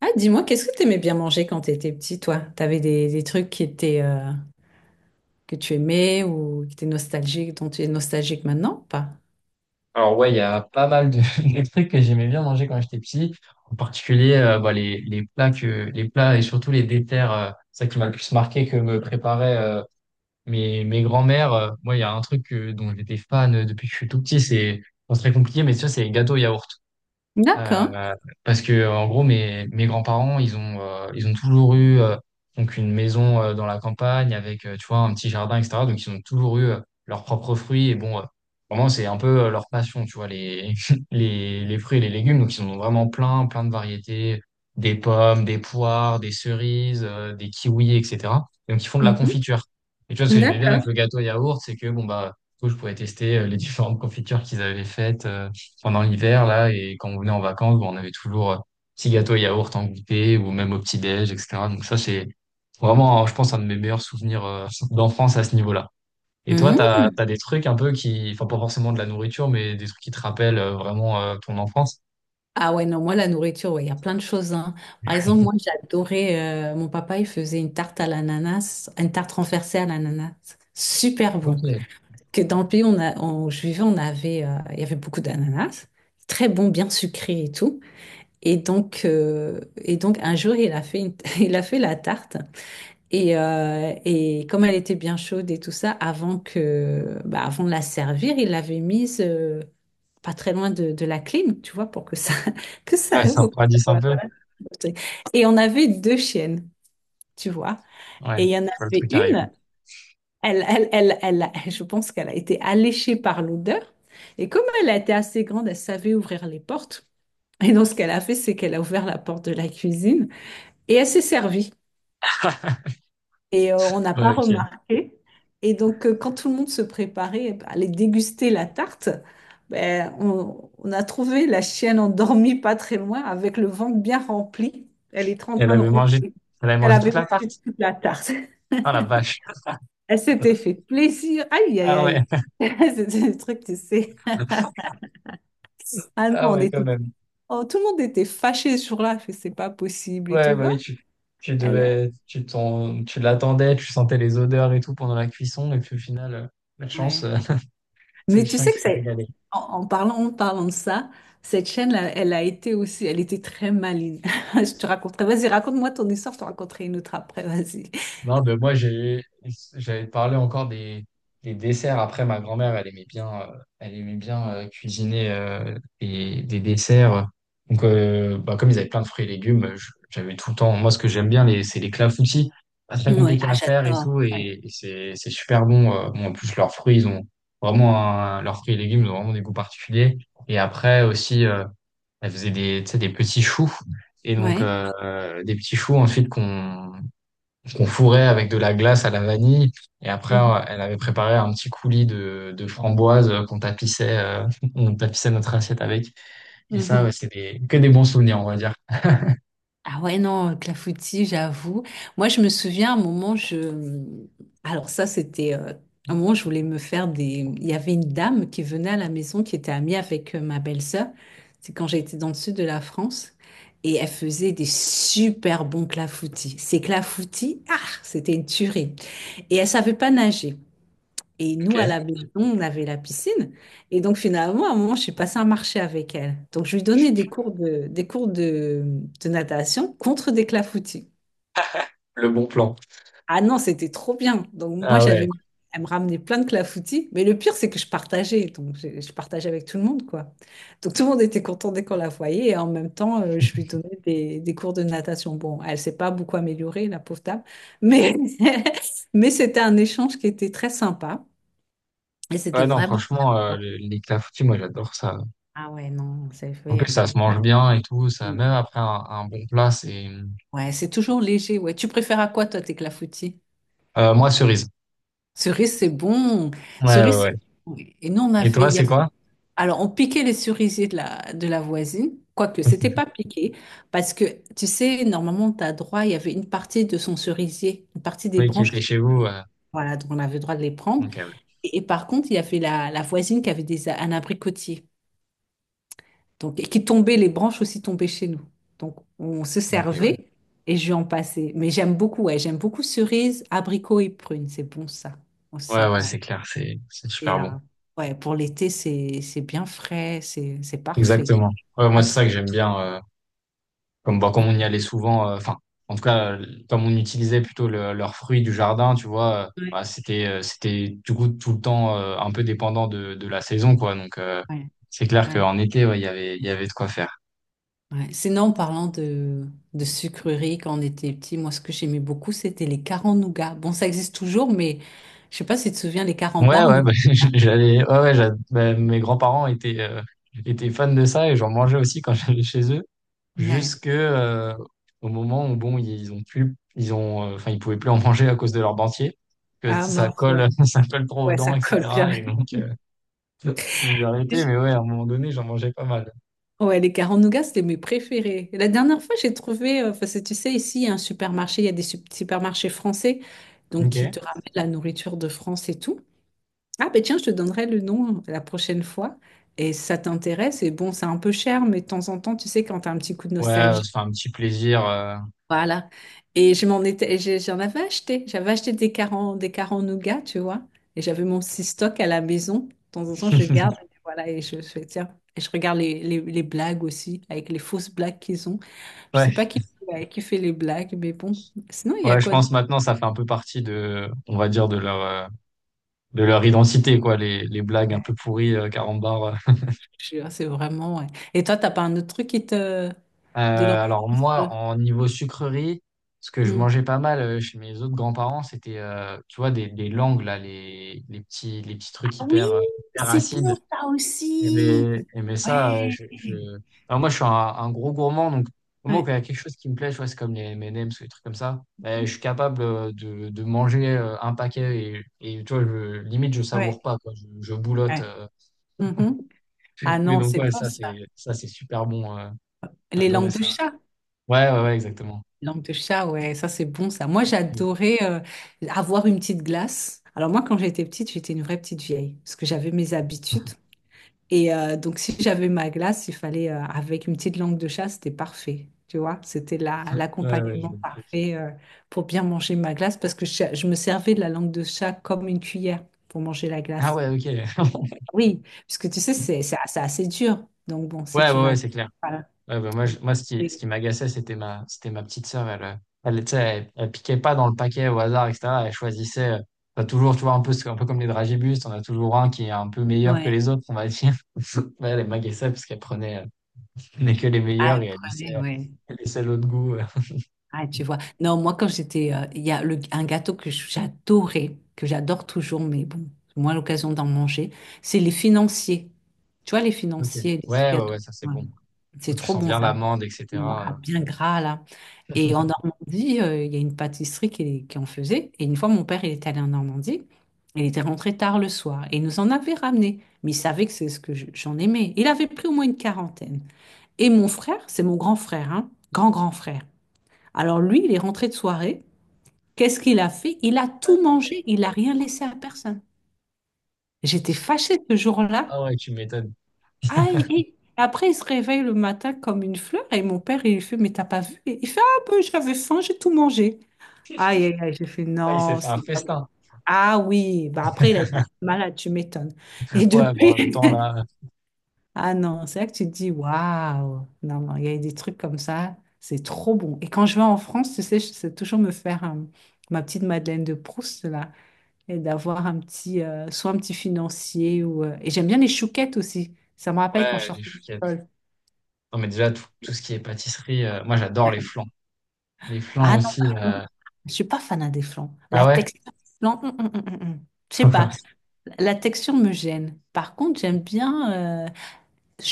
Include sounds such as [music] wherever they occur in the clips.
Ah, dis-moi, qu'est-ce que t'aimais bien manger quand t'étais petit, toi? T'avais des trucs qui étaient, que tu aimais ou qui étaient nostalgiques, dont tu es nostalgique maintenant ou pas? Alors ouais, il y a pas mal [laughs] de trucs que j'aimais bien manger quand j'étais petit. En particulier, bah, les plats et surtout les déterres, ça qui m'a le plus marqué que me préparaient mes grands-mères. Moi, il y a un truc dont j'étais fan depuis que je suis tout petit, c'est, bon, c'est très compliqué, mais ça, c'est les gâteaux yaourt. D'accord. Euh, parce que en gros mes grands-parents, ils ont toujours eu donc une maison dans la campagne avec, tu vois, un petit jardin, etc. Donc ils ont toujours eu leurs propres fruits. Et bon, vraiment c'est un peu leur passion, tu vois, les [laughs] les fruits et les légumes. Donc ils en ont vraiment plein plein de variétés: des pommes, des poires, des cerises, des kiwis, etc. Donc ils font de la Mhm. confiture. Et tu vois, ce que j'aimais bien avec D'accord. le gâteau yaourt, c'est que bon bah, du coup, je pouvais tester les différentes confitures qu'ils avaient faites pendant l'hiver, là. Et quand on venait en vacances, bon, on avait toujours petit gâteau et yaourt en goûter, ou même au petit-déj, etc. Donc ça, c'est vraiment, je pense, un de mes meilleurs souvenirs d'enfance à ce niveau-là. Et toi, Mhm. t'as des trucs un peu qui, enfin, pas forcément de la nourriture, mais des trucs qui te rappellent vraiment ton enfance? Ah ouais, non, moi, la nourriture, ouais, il y a plein de choses, hein. Par exemple, moi, j'adorais, mon papa, il faisait une tarte à l'ananas, une tarte renversée à l'ananas. Super bon. Ok. Que dans le pays on a, où je vivais, on avait, il y avait beaucoup d'ananas. Très bon, bien sucré et tout. Et donc un jour, il a fait, une- [laughs] il a fait la tarte. Et comme elle était bien chaude et tout ça, avant de la servir, il l'avait mise pas très loin de la clim, tu vois, [laughs] que ça, Ouais, ça me pour que ça- radisse un voilà. peu. Voilà. Et on avait deux chiennes, tu vois. Ouais, Et il y en je vois le avait truc arrive. une, [laughs] je pense qu'elle a été alléchée par l'odeur. Et comme elle a été assez grande, elle savait ouvrir les portes. Et donc, ce qu'elle a fait, c'est qu'elle a ouvert la porte de la cuisine. Et elle s'est servie. Et on n'a pas Ouais, ok. remarqué. Et donc, quand tout le monde se préparait à aller déguster la tarte, on a trouvé la chienne endormie pas très loin, avec le ventre bien rempli. Elle était en Elle train de avait mangé, ronfler. elle avait Elle mangé avait toute la mangé tarte? toute la tarte. Ah la vache. Elle s'était fait [laughs] plaisir. Aïe, aïe, Ah ouais. aïe. [laughs] C'était le truc, tu sais. Ah non, Ah on ouais, quand était... même. Oh, tout le monde était fâché sur là. Fait, c'est pas possible et Ouais, tout. bah Bah, oui, tu elle, elle- devais, tu l'attendais, tu sentais les odeurs et tout pendant la cuisson, et puis au final, pas de chance, Ouais. [laughs] C'est le Mais tu chien sais qui que s'est c'est, régalé. En parlant de ça, cette chaîne-là, elle a été aussi, elle était très maligne. [laughs] Je te raconterai, vas-y, raconte-moi ton histoire, je te raconterai une autre après, vas-y. Non, ben moi, j'avais parlé encore des desserts. Après, ma grand-mère, elle aimait bien, cuisiner des desserts. Donc, bah, comme ils avaient plein de fruits et légumes, j'avais tout le temps. Moi, ce que j'aime bien, c'est les clafoutis. Pas très Oui, compliqué ah, à faire et j'adore. tout. Ouais. Et c'est super bon. Bon, en plus, leurs fruits, ils ont leurs fruits et légumes, ils ont vraiment des goûts particuliers. Et après aussi, elle faisait tu sais, des petits choux. Et donc, Ouais. Des petits choux ensuite qu'on fourrait avec de la glace à la vanille. Et après, Mhm. Elle avait préparé un petit coulis de framboises, [laughs] on tapissait notre assiette avec. Et ça, Mhm. ouais, c'est que des bons souvenirs, on va dire. Ah ouais, non, clafoutis, j'avoue. Moi, je me souviens, à un moment, je... Alors ça, c'était... un moment, je voulais me faire des... Il y avait une dame qui venait à la maison, qui était amie avec ma belle-sœur. C'est quand j'étais dans le sud de la France. Et elle faisait des super bons clafoutis. Ces clafoutis, ah, c'était une tuerie. Et elle savait pas nager. Et Ok, nous, à la maison, on avait la piscine. Et donc, finalement, à un moment, je suis passée un marché avec elle. Donc, je lui donnais de natation contre des clafoutis. le bon plan. Ah non, c'était trop bien. Donc, moi, Ah ouais. j'avais, elle me ramenait plein de clafoutis. Mais le pire, c'est que je partageais. Donc, je partageais avec tout le monde, quoi. Donc, tout le monde était content dès qu'on la voyait. Et en même temps, je lui donnais des cours de natation. Bon, elle s'est pas beaucoup améliorée, la pauvre dame. Mais, [laughs] mais c'était un échange qui était très sympa. Et c'était Ouais, non, vraiment. franchement, les clafoutis, moi, j'adore ça. Ah ouais, non, c'est En fait. plus, ça se mange bien et tout. Ça, Mm. même après un bon plat, c'est, Ouais, c'est toujours léger. Ouais. Tu préfères à quoi, toi, tes clafoutis? Moi, cerise. Cerise, c'est bon. Ouais, ouais, Cerise, ouais. c'est bon. Oui. Et nous, Et toi, il y c'est avait- quoi? Alors, on piquait les cerisiers de la voisine, quoique c'était pas [laughs] piqué, parce que, tu sais, normalement, tu as droit, il y avait une partie de son cerisier, une partie des Oui, qui branches, était qui- chez vous. Voilà, donc on avait le droit de les prendre. Ok, ouais. Et par contre, il y avait la voisine qui avait un abricotier. Donc, et qui tombaient, les branches aussi tombaient chez nous. Donc, on se Ok, ouais. servait et je lui en passais. Mais j'aime beaucoup, ouais, j'aime beaucoup cerises, abricots et prunes. C'est bon, ça Ouais, aussi, ouais, ouais. c'est clair, c'est super Et, bon. ouais, pour l'été, c'est bien frais, c'est parfait. Exactement. Ouais, moi, Pas c'est trop. ça que j'aime bien. Comme, bah, comme on y allait souvent, enfin, en tout cas, comme on utilisait plutôt leurs fruits du jardin, tu vois, Ouais, bah, c'était du coup tout le temps un peu dépendant de la saison, quoi. Donc, ouais, c'est clair ouais, qu'en été, ouais, il y avait de quoi faire. ouais. Sinon, de sucreries, quand on était petit, moi, ce que j'aimais beaucoup, c'était les carambars. Bon, ça existe toujours, mais je sais pas si tu te souviens, les Ouais, carambars, mais... ouais, bah, [laughs] ouais, ouais, bah, mes grands-parents étaient, étaient fans de ça et j'en mangeais aussi quand [laughs] j'allais chez eux, Ouais. jusque, au moment où, bon, ils ont, enfin, ils pouvaient plus en [laughs] manger à cause de leur dentier, que Ah ça mince, ouais. colle, [laughs] ça colle trop aux Ouais, ça dents, colle bien. etc. Et donc, vous arrêtez, mais [laughs] ouais, à un moment donné, j'en mangeais pas mal. Ouais, les carrés en nougat, c'était mes préférés. Et la dernière fois, j'ai trouvé, parce que tu sais, ici, il y a un supermarché, il y a supermarchés français, donc Ok. qui te ramènent la nourriture de France et tout. Ah, ben tiens, je te donnerai le nom hein, la prochaine fois. Et si ça t'intéresse, et bon, c'est un peu cher, mais de temps en temps, tu sais, quand t'as un petit coup de Ouais, nostalgie, c'est un petit plaisir. voilà. Et je m'en étais, j'en avais acheté. J'avais acheté des carants nougat, tu vois. Et j'avais mon six stock à la maison. De temps en temps, je garde. [laughs] Voilà, et je fais, tiens. Et je regarde les blagues aussi, avec les fausses blagues qu'ils ont. Je Ouais, sais pas qui, ouais, qui fait les blagues, mais bon. Sinon, il y a ouais, je quoi pense d'autre? maintenant ça fait un peu partie de, on va dire, de leur identité quoi, les blagues un peu Ouais, pourries carambar. C'est vraiment. Ouais. Et toi, t'as pas un autre truc qui te Euh, de alors l'enfance? Euh, moi, en niveau sucrerie, ce que je hmm. mangeais pas mal chez mes autres grands-parents, c'était, tu vois, des langues là, les petits trucs Ah oui, hyper, hyper c'est acides. bon, ça Eh aussi. ben, eh ben ça, Ouais. Alors moi, je suis un gros gourmand. Donc au moment où Ouais, il y a quelque chose qui me plaît, je vois, c'est comme les M&M's ou des trucs comme ça, eh, je suis capable de manger un paquet. Et tu vois, limite, je ouais, savoure pas, quoi, je boulotte. ouais. euh. Ah Mais non, donc, c'est ouais, bon ça, ça. C'est super bon. J'ai Les adoré langues de ça. chat. Ouais, ouais, ouais, exactement. Langues de chat, ouais, ça c'est bon ça. Moi, Ouais, j'adorais avoir une petite glace. Alors moi, quand j'étais petite, j'étais une vraie petite vieille, parce que j'avais mes habitudes. Et donc, si j'avais ma glace, il fallait, avec une petite langue de chat, c'était parfait. Tu vois, c'était ouais, je l'accompagnement vois le truc. parfait pour bien manger ma glace, parce que je me servais de la langue de chat comme une cuillère pour manger la Ah glace. ouais, ok. [laughs] Oui, parce que tu sais, c'est assez, assez dur. Donc bon, si Ouais, tu ouais, ouais, vas... c'est clair. Voilà. Ouais, bah, moi, Donc, moi, ce oui. qui m'agaçait, c'était ma petite sœur. Elle, tu sais, elle piquait pas dans le paquet au hasard, etc. Elle choisissait, t'as toujours, tu vois, un peu comme les dragibus, t'en as toujours un qui est un peu meilleur que Ouais. les autres, on va dire. [laughs] Ouais, elle m'agaçait parce qu'elle prenait, prenait que les Ah, meilleurs, et elle elle prenait, laissait, ouais. elle laissait l'autre goût. [laughs] Ah, tu vois. Non, moi, quand j'étais, il y a un gâteau que j'adorais, que j'adore toujours, mais bon, moins l'occasion d'en manger, c'est les financiers. Tu vois, les Ok. financiers, les petits Ouais, ouais, gâteaux. ouais, ça c'est Ouais. bon. C'est Tu trop sens bon, bien ça. l'amande, Ah, etc. bien gras, là. Et en [laughs] Normandie, il y a une pâtisserie qui en faisait. Et une fois, mon père, il est allé en Normandie. Il était rentré tard le soir et il nous en avait ramené. Mais il savait que c'est ce que j'en aimais. Il avait pris au moins une quarantaine. Et mon frère, c'est mon grand frère, hein, grand grand frère. Alors lui, il est rentré de soirée. Qu'est-ce qu'il a fait? Il a tout mangé, il n'a rien laissé à personne. J'étais fâchée ce jour-là. Ah ouais, tu m'étonnes. Ah, et après, il se réveille le matin comme une fleur et mon père, il lui fait, mais t'as pas vu? Et il fait, ah ben, j'avais faim, j'ai tout mangé. Aïe, aïe, aïe, j'ai fait, Ah, il s'est non, fait un c'est pas bon. festin. Ah oui, bah après, il a été malade, tu m'étonnes. Et [laughs] Ouais, bon, en même depuis, temps, [laughs] là. ah non, c'est là que tu te dis, waouh, non, non, il y a des trucs comme ça, c'est trop bon. Et quand je vais en France, tu sais, je sais toujours me faire ma petite Madeleine de Proust, là, et d'avoir un petit, soit un petit financier, ou, et j'aime bien les chouquettes aussi. Ça me rappelle quand je Ouais, les sortais de chouquettes. l'école. Non, mais déjà, tout, tout ce qui est pâtisserie, moi, j'adore les flancs. Les flancs Ah non, aussi. par contre, euh, je suis pas fan des flancs. La Ah ouais? texture, non, hum. Je sais pas, [laughs] la texture me gêne. Par contre, j'aime bien. euh,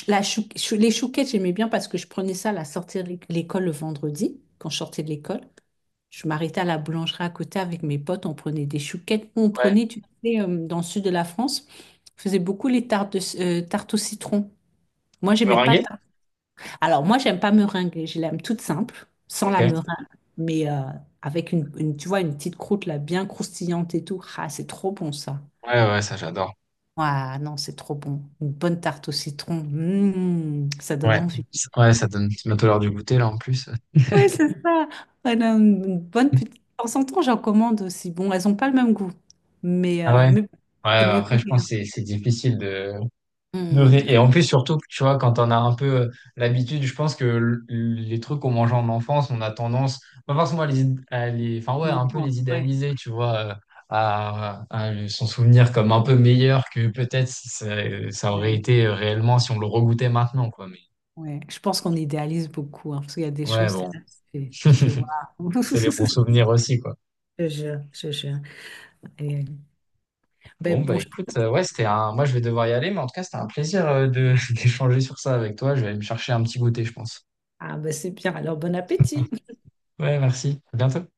Les chouquettes, j'aimais bien parce que je prenais ça à la sortie de l'école le vendredi, quand je sortais de l'école. Je m'arrêtais à la boulangerie à côté avec mes potes, on prenait des chouquettes. On Ouais. prenait, tu sais, dans le sud de la France, on faisait beaucoup les tartes, tartes au citron. Moi, j'aimais pas. Meringué? Tarte- Alors, moi, j'aime pas meringue, je l'aime toute simple, sans Ok. la Ouais, meringue, mais avec tu vois, une petite croûte là, bien croustillante et tout. Ah, c'est trop bon ça. ouais, ça j'adore. Ah non, c'est trop bon. Une bonne tarte au citron, mm, ça donne Ouais. envie. Ouais, ça donne bientôt l'heure du goûter là en plus. Oui, c'est ça. Elle a une bonne petite... De [laughs] temps en temps, j'en commande aussi. Bon, elles n'ont pas le même goût, Ah ouais? Ouais, mais c'est bah, mieux que après je pense rien. que c'est difficile de... Hmm, Et en plus surtout, tu vois, quand on a un peu l'habitude, je pense que les trucs qu'on mangeait en enfance, on a tendance, pas forcément à les... Enfin ouais, un peu les effectivement. Ouais, idéaliser, tu vois, s'en souvenir comme un peu meilleur que peut-être ça, ça aurait ouais, été réellement si on le regoûtait maintenant, quoi. Mais ouais. Je pense qu'on idéalise beaucoup, hein, parce qu'il y a des ouais, choses, t'es bon. là, tu fais [laughs] waouh. C'est les bons [laughs] souvenirs aussi, quoi. Je te jure, je te jure. Et, Bon, ben, bah bon, écoute, ouais, c'était un... Moi, je vais devoir y aller, mais en tout cas, c'était un plaisir de [laughs] d'échanger sur ça avec toi. Je vais aller me chercher un petit goûter, je pense. ah, ben, c'est bien. Alors, bon appétit. Ouais, merci. À bientôt.